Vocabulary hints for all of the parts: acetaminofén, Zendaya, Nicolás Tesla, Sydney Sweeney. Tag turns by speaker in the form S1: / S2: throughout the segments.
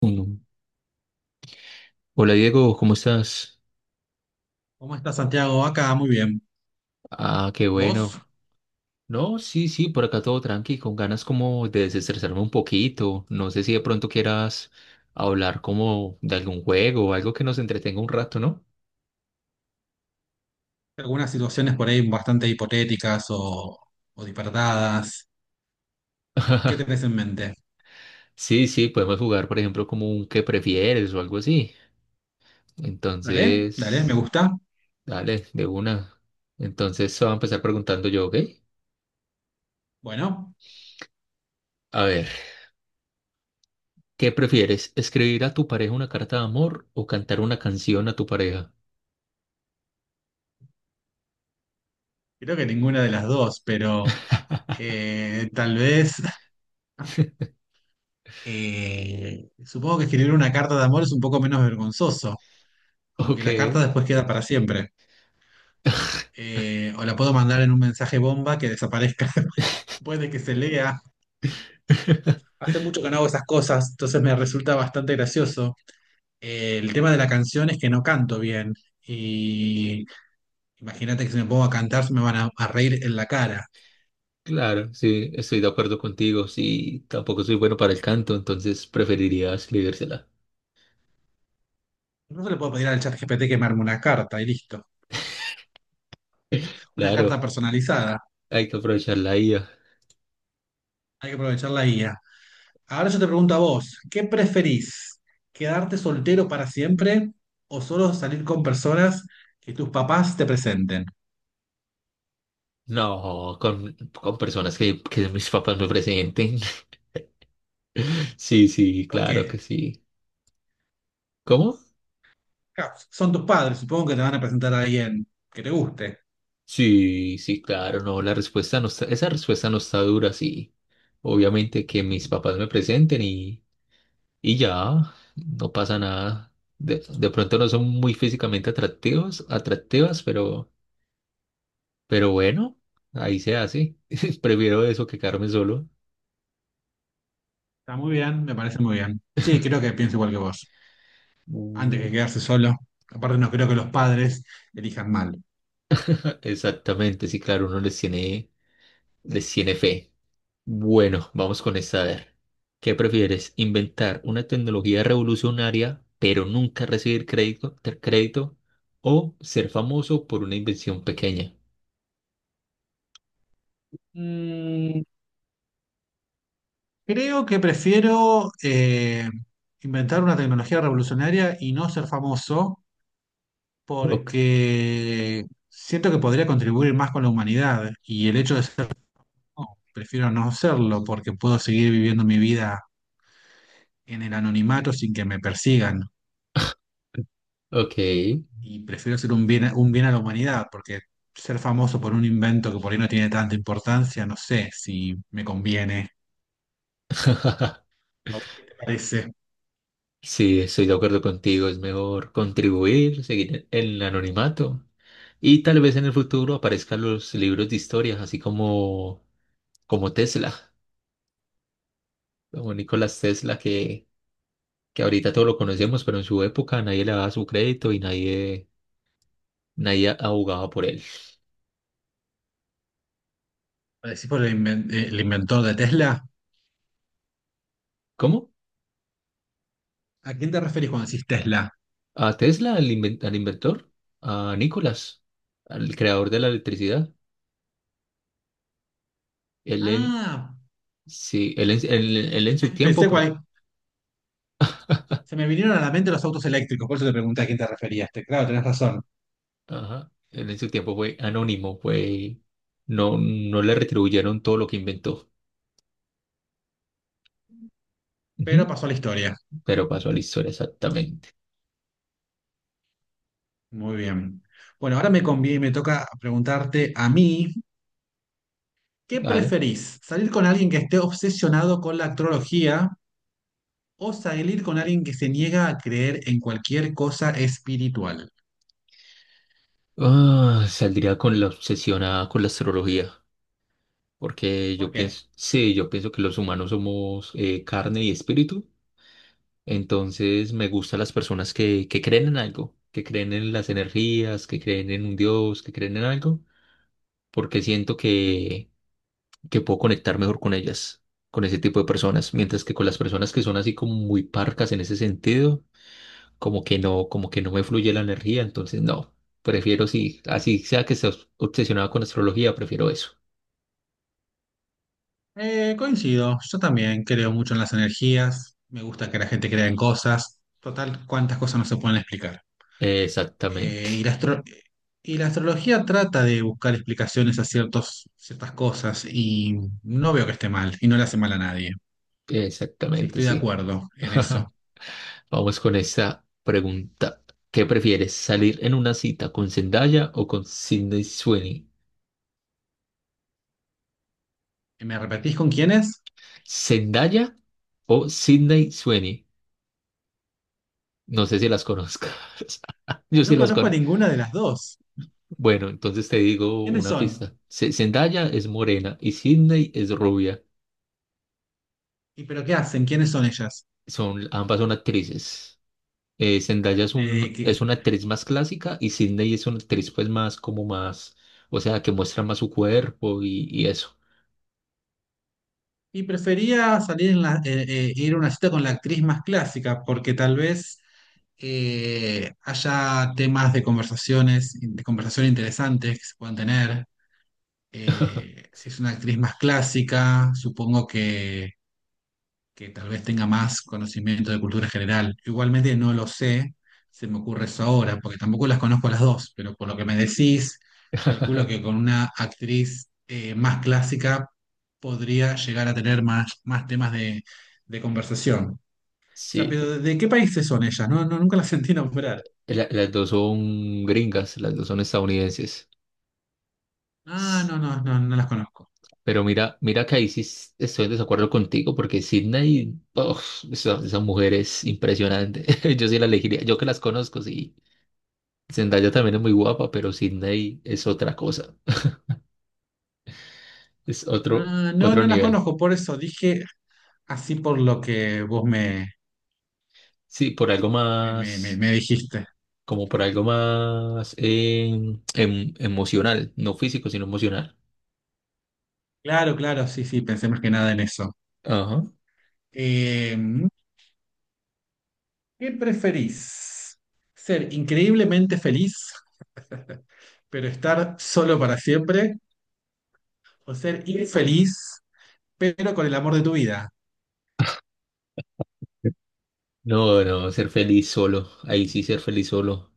S1: Uno. Hola Diego, ¿cómo estás?
S2: ¿Cómo estás, Santiago? Acá muy bien.
S1: Ah, qué bueno.
S2: ¿Vos?
S1: No, sí, sí, por acá todo tranqui, con ganas como de desestresarme un poquito. No sé si de pronto quieras hablar como de algún juego o algo que nos entretenga un rato, ¿no?
S2: Algunas situaciones por ahí bastante hipotéticas o disparatadas. ¿Qué tenés en mente?
S1: Sí, sí, podemos jugar, por ejemplo, como un qué prefieres o algo así.
S2: Dale, dale, me
S1: Entonces,
S2: gusta.
S1: dale, de una. Entonces, voy a empezar preguntando yo, ¿ok?
S2: Bueno,
S1: A ver, ¿qué prefieres? ¿Escribir a tu pareja una carta de amor o cantar una canción a tu pareja?
S2: creo que ninguna de las dos, pero tal vez supongo que escribir una carta de amor es un poco menos vergonzoso, aunque
S1: Ok.
S2: la carta después queda para siempre. O la puedo mandar en un mensaje bomba que desaparezca después de que se lea. Hace mucho que no hago esas cosas, entonces me resulta bastante gracioso. El tema de la canción es que no canto bien. Y imagínate que si me pongo a cantar, se me van a reír en la cara.
S1: Claro, sí, estoy de acuerdo contigo. Sí, tampoco soy bueno para el canto, entonces preferiría escribírsela.
S2: No se le puedo pedir al chat GPT que me arme una carta y listo. Una carta
S1: Claro,
S2: personalizada.
S1: hay que aprovechar la IA.
S2: Hay que aprovechar la guía. Ahora yo te pregunto a vos, ¿qué preferís? ¿Quedarte soltero para siempre o solo salir con personas que tus papás te presenten?
S1: No, con personas que mis papás me presenten. Sí, sí,
S2: ¿Por
S1: claro que
S2: qué?
S1: sí. ¿Cómo?
S2: Ja, son tus padres, supongo que te van a presentar a alguien que te guste.
S1: Sí, sí, claro, no, la respuesta no está, esa respuesta no está dura, sí. Obviamente que mis papás me presenten y ya, no pasa nada. De pronto no son muy físicamente atractivos, atractivas, pero bueno, ahí se hace. Prefiero eso que quedarme solo.
S2: Está muy bien, me parece muy bien. Sí, creo que pienso igual que vos, antes que
S1: Mm,
S2: quedarse solo. Aparte, no creo que los padres elijan mal.
S1: Exactamente, sí, claro, uno les tiene fe. Bueno, vamos con esta. A ver, ¿qué prefieres? ¿Inventar una tecnología revolucionaria, pero nunca recibir crédito, crédito? ¿O ser famoso por una invención pequeña?
S2: Mm, creo que prefiero inventar una tecnología revolucionaria y no ser famoso
S1: Ok.
S2: porque siento que podría contribuir más con la humanidad y el hecho de ser famoso, prefiero no serlo porque puedo seguir viviendo mi vida en el anonimato sin que me persigan
S1: Ok.
S2: y prefiero ser un bien a la humanidad porque ser famoso por un invento que por ahí no tiene tanta importancia, no sé si me conviene. ¿A vos qué te parece?
S1: Sí, estoy de acuerdo contigo. Es mejor contribuir, seguir en el anonimato. Y tal vez en el futuro aparezcan los libros de historias, así como, como Tesla, como Nicolás Tesla, que ahorita todo lo conocemos, pero en su época nadie le daba su crédito y nadie, nadie abogaba por él.
S2: ¿Parecís por el, el inventor de Tesla?
S1: ¿Cómo?
S2: ¿A quién te referís cuando decís Tesla?
S1: ¿A Tesla, al, al inventor? ¿A Nicolás, al creador de la electricidad? Él en,
S2: Ah,
S1: sí, él en, él en su tiempo,
S2: pensé cuál. Se me vinieron a la mente los autos eléctricos, por eso te pregunté a quién te referías. Te- Claro, tenés razón,
S1: ajá, él en su tiempo fue anónimo, fue, no, no le retribuyeron todo lo que inventó,
S2: pero
S1: ujú,
S2: pasó a la historia.
S1: pero pasó a la historia exactamente.
S2: Muy bien. Bueno, ahora me conviene, me toca preguntarte a mí, ¿qué
S1: Dale.
S2: preferís? ¿Salir con alguien que esté obsesionado con la astrología o salir con alguien que se niega a creer en cualquier cosa espiritual?
S1: Ah, saldría con la obsesionada con la astrología, porque
S2: ¿Por
S1: yo
S2: qué?
S1: pienso, sí, yo pienso que los humanos somos carne y espíritu, entonces me gustan las personas que creen en algo, que creen en las energías, que creen en un Dios, que creen en algo, porque siento que puedo conectar mejor con ellas, con ese tipo de personas, mientras que con las personas que son así como muy parcas en ese sentido, como que no me fluye la energía, entonces no, prefiero si, así sea que estés obsesionado con astrología, prefiero eso.
S2: Coincido, yo también creo mucho en las energías, me gusta que la gente crea en cosas, total, cuántas cosas no se pueden explicar. Eh, y
S1: Exactamente,
S2: la astro- y la astrología trata de buscar explicaciones a ciertas cosas y no veo que esté mal y no le hace mal a nadie. Sí,
S1: exactamente,
S2: estoy de
S1: sí.
S2: acuerdo en eso.
S1: Vamos con esta pregunta. ¿Qué prefieres, salir en una cita con Zendaya o con Sydney Sweeney?
S2: ¿Me repetís con quiénes?
S1: ¿Zendaya o Sydney Sweeney? No sé si las conozcas. Yo sí
S2: No
S1: las
S2: conozco a
S1: conozco.
S2: ninguna de las dos.
S1: Bueno, entonces te digo
S2: ¿Quiénes
S1: una
S2: son?
S1: pista. Zendaya es morena y Sydney es rubia.
S2: ¿Y pero qué hacen? ¿Quiénes son ellas?
S1: Son, ambas son actrices. Zendaya es
S2: ¿De
S1: un,
S2: qué-
S1: es una actriz más clásica y Sydney es una actriz pues más como más, o sea, que muestra más su cuerpo y eso.
S2: Y prefería salir en ir a una cita con la actriz más clásica, porque tal vez haya temas de conversación interesantes que se puedan tener. Si es una actriz más clásica, supongo que tal vez tenga más conocimiento de cultura general. Igualmente no lo sé, se me ocurre eso ahora, porque tampoco las conozco las dos, pero por lo que me decís, calculo que con una actriz más clásica podría llegar a tener más, más temas de conversación. O sea,
S1: Sí,
S2: pero ¿de qué países son ellas? No, no, nunca las sentí nombrar.
S1: las dos son gringas, las dos son estadounidenses.
S2: Ah,
S1: S-
S2: no, no, no, no las conozco.
S1: Pero mira, mira que ahí sí estoy en desacuerdo contigo porque Sydney, uf, esa mujer es impresionante. Yo sí la elegiría, yo que las conozco, sí. Zendaya también es muy guapa, pero Sydney es otra cosa, es otro,
S2: Ah, no,
S1: otro
S2: no las
S1: nivel.
S2: conozco, por eso dije así por lo que vos
S1: Sí, por algo más,
S2: me dijiste.
S1: como por algo más emocional, no físico, sino emocional.
S2: Claro, claro, sí, sí, pensé más que nada en eso.
S1: Ajá.
S2: Eh, ¿Qué preferís? ¿Ser increíblemente feliz, pero estar solo para siempre? ¿O ser infeliz, pero con el amor de tu vida?
S1: No, no, ser feliz solo. Ahí sí ser feliz solo.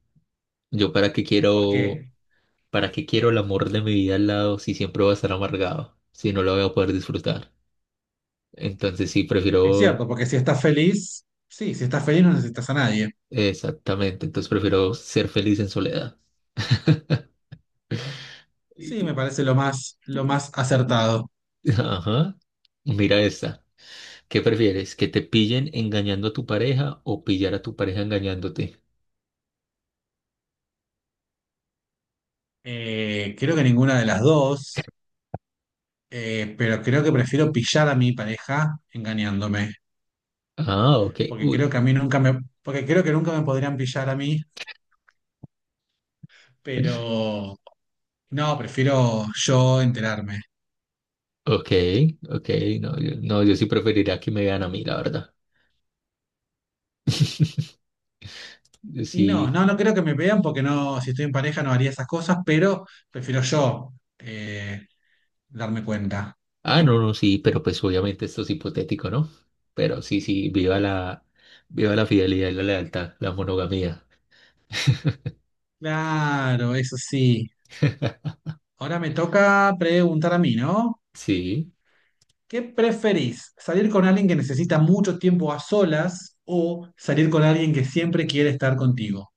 S1: Yo
S2: ¿Por qué?
S1: para qué quiero el amor de mi vida al lado si siempre voy a estar amargado, si no lo voy a poder disfrutar. Entonces sí,
S2: Es cierto,
S1: prefiero,
S2: porque si estás feliz no necesitas a nadie.
S1: exactamente, entonces prefiero ser feliz en soledad.
S2: Sí,
S1: Y-
S2: me parece lo más acertado.
S1: Ajá. Mira esta. ¿Qué prefieres? ¿Que te pillen engañando a tu pareja o pillar a tu pareja engañándote?
S2: Creo que ninguna de las dos, pero creo que prefiero pillar a mi pareja engañándome,
S1: Ah, ok.
S2: porque
S1: Uy,
S2: creo que a mí nunca me, porque creo que nunca me podrían pillar a mí, pero no, prefiero yo enterarme.
S1: ok, ok. No, yo, no, yo sí preferiría que me vean a mí, la verdad.
S2: Y no,
S1: Sí.
S2: no, no creo que me vean porque no, si estoy en pareja no haría esas cosas, pero prefiero yo eh, darme cuenta.
S1: Ah, no, no, sí, pero pues obviamente esto es hipotético, ¿no? Pero sí, sí, viva la fidelidad y la lealtad, la monogamía.
S2: Claro, eso sí. Ahora me toca preguntar a mí, ¿no?
S1: Sí.
S2: ¿Qué preferís? ¿Salir con alguien que necesita mucho tiempo a solas o salir con alguien que siempre quiere estar contigo?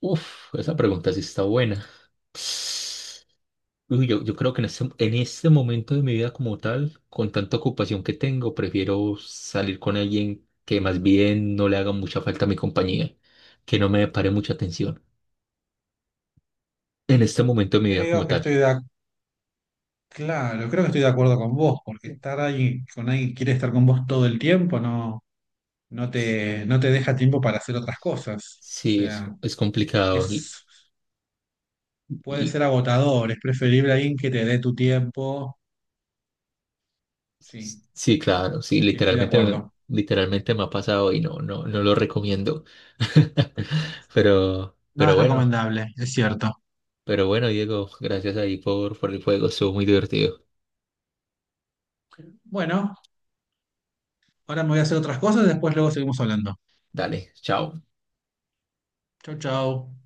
S1: Uf, esa pregunta sí está buena. Uy, yo creo que en este momento de mi vida como tal, con tanta ocupación que tengo, prefiero salir con alguien que más bien no le haga mucha falta a mi compañía, que no me pare mucha atención. En este momento de mi vida como
S2: Creo que
S1: tal,
S2: estoy de, ac- Claro, creo que estoy de acuerdo con vos, porque estar ahí con alguien que quiere estar con vos todo el tiempo, no.
S1: s-
S2: No te deja tiempo para hacer otras cosas. O
S1: sí,
S2: sea,
S1: es complicado.
S2: es, puede
S1: Y-
S2: ser agotador, es preferible alguien que te dé tu tiempo. Sí,
S1: sí, claro, sí,
S2: sí, estoy de
S1: literalmente,
S2: acuerdo.
S1: literalmente me ha pasado y no, no, no lo recomiendo. Pero,
S2: No
S1: pero
S2: es
S1: bueno,
S2: recomendable, es cierto.
S1: pero bueno, Diego, gracias ahí por el juego, estuvo muy divertido.
S2: Bueno, ahora me voy a hacer otras cosas, después luego seguimos hablando.
S1: Dale, chao.
S2: Chau, chau.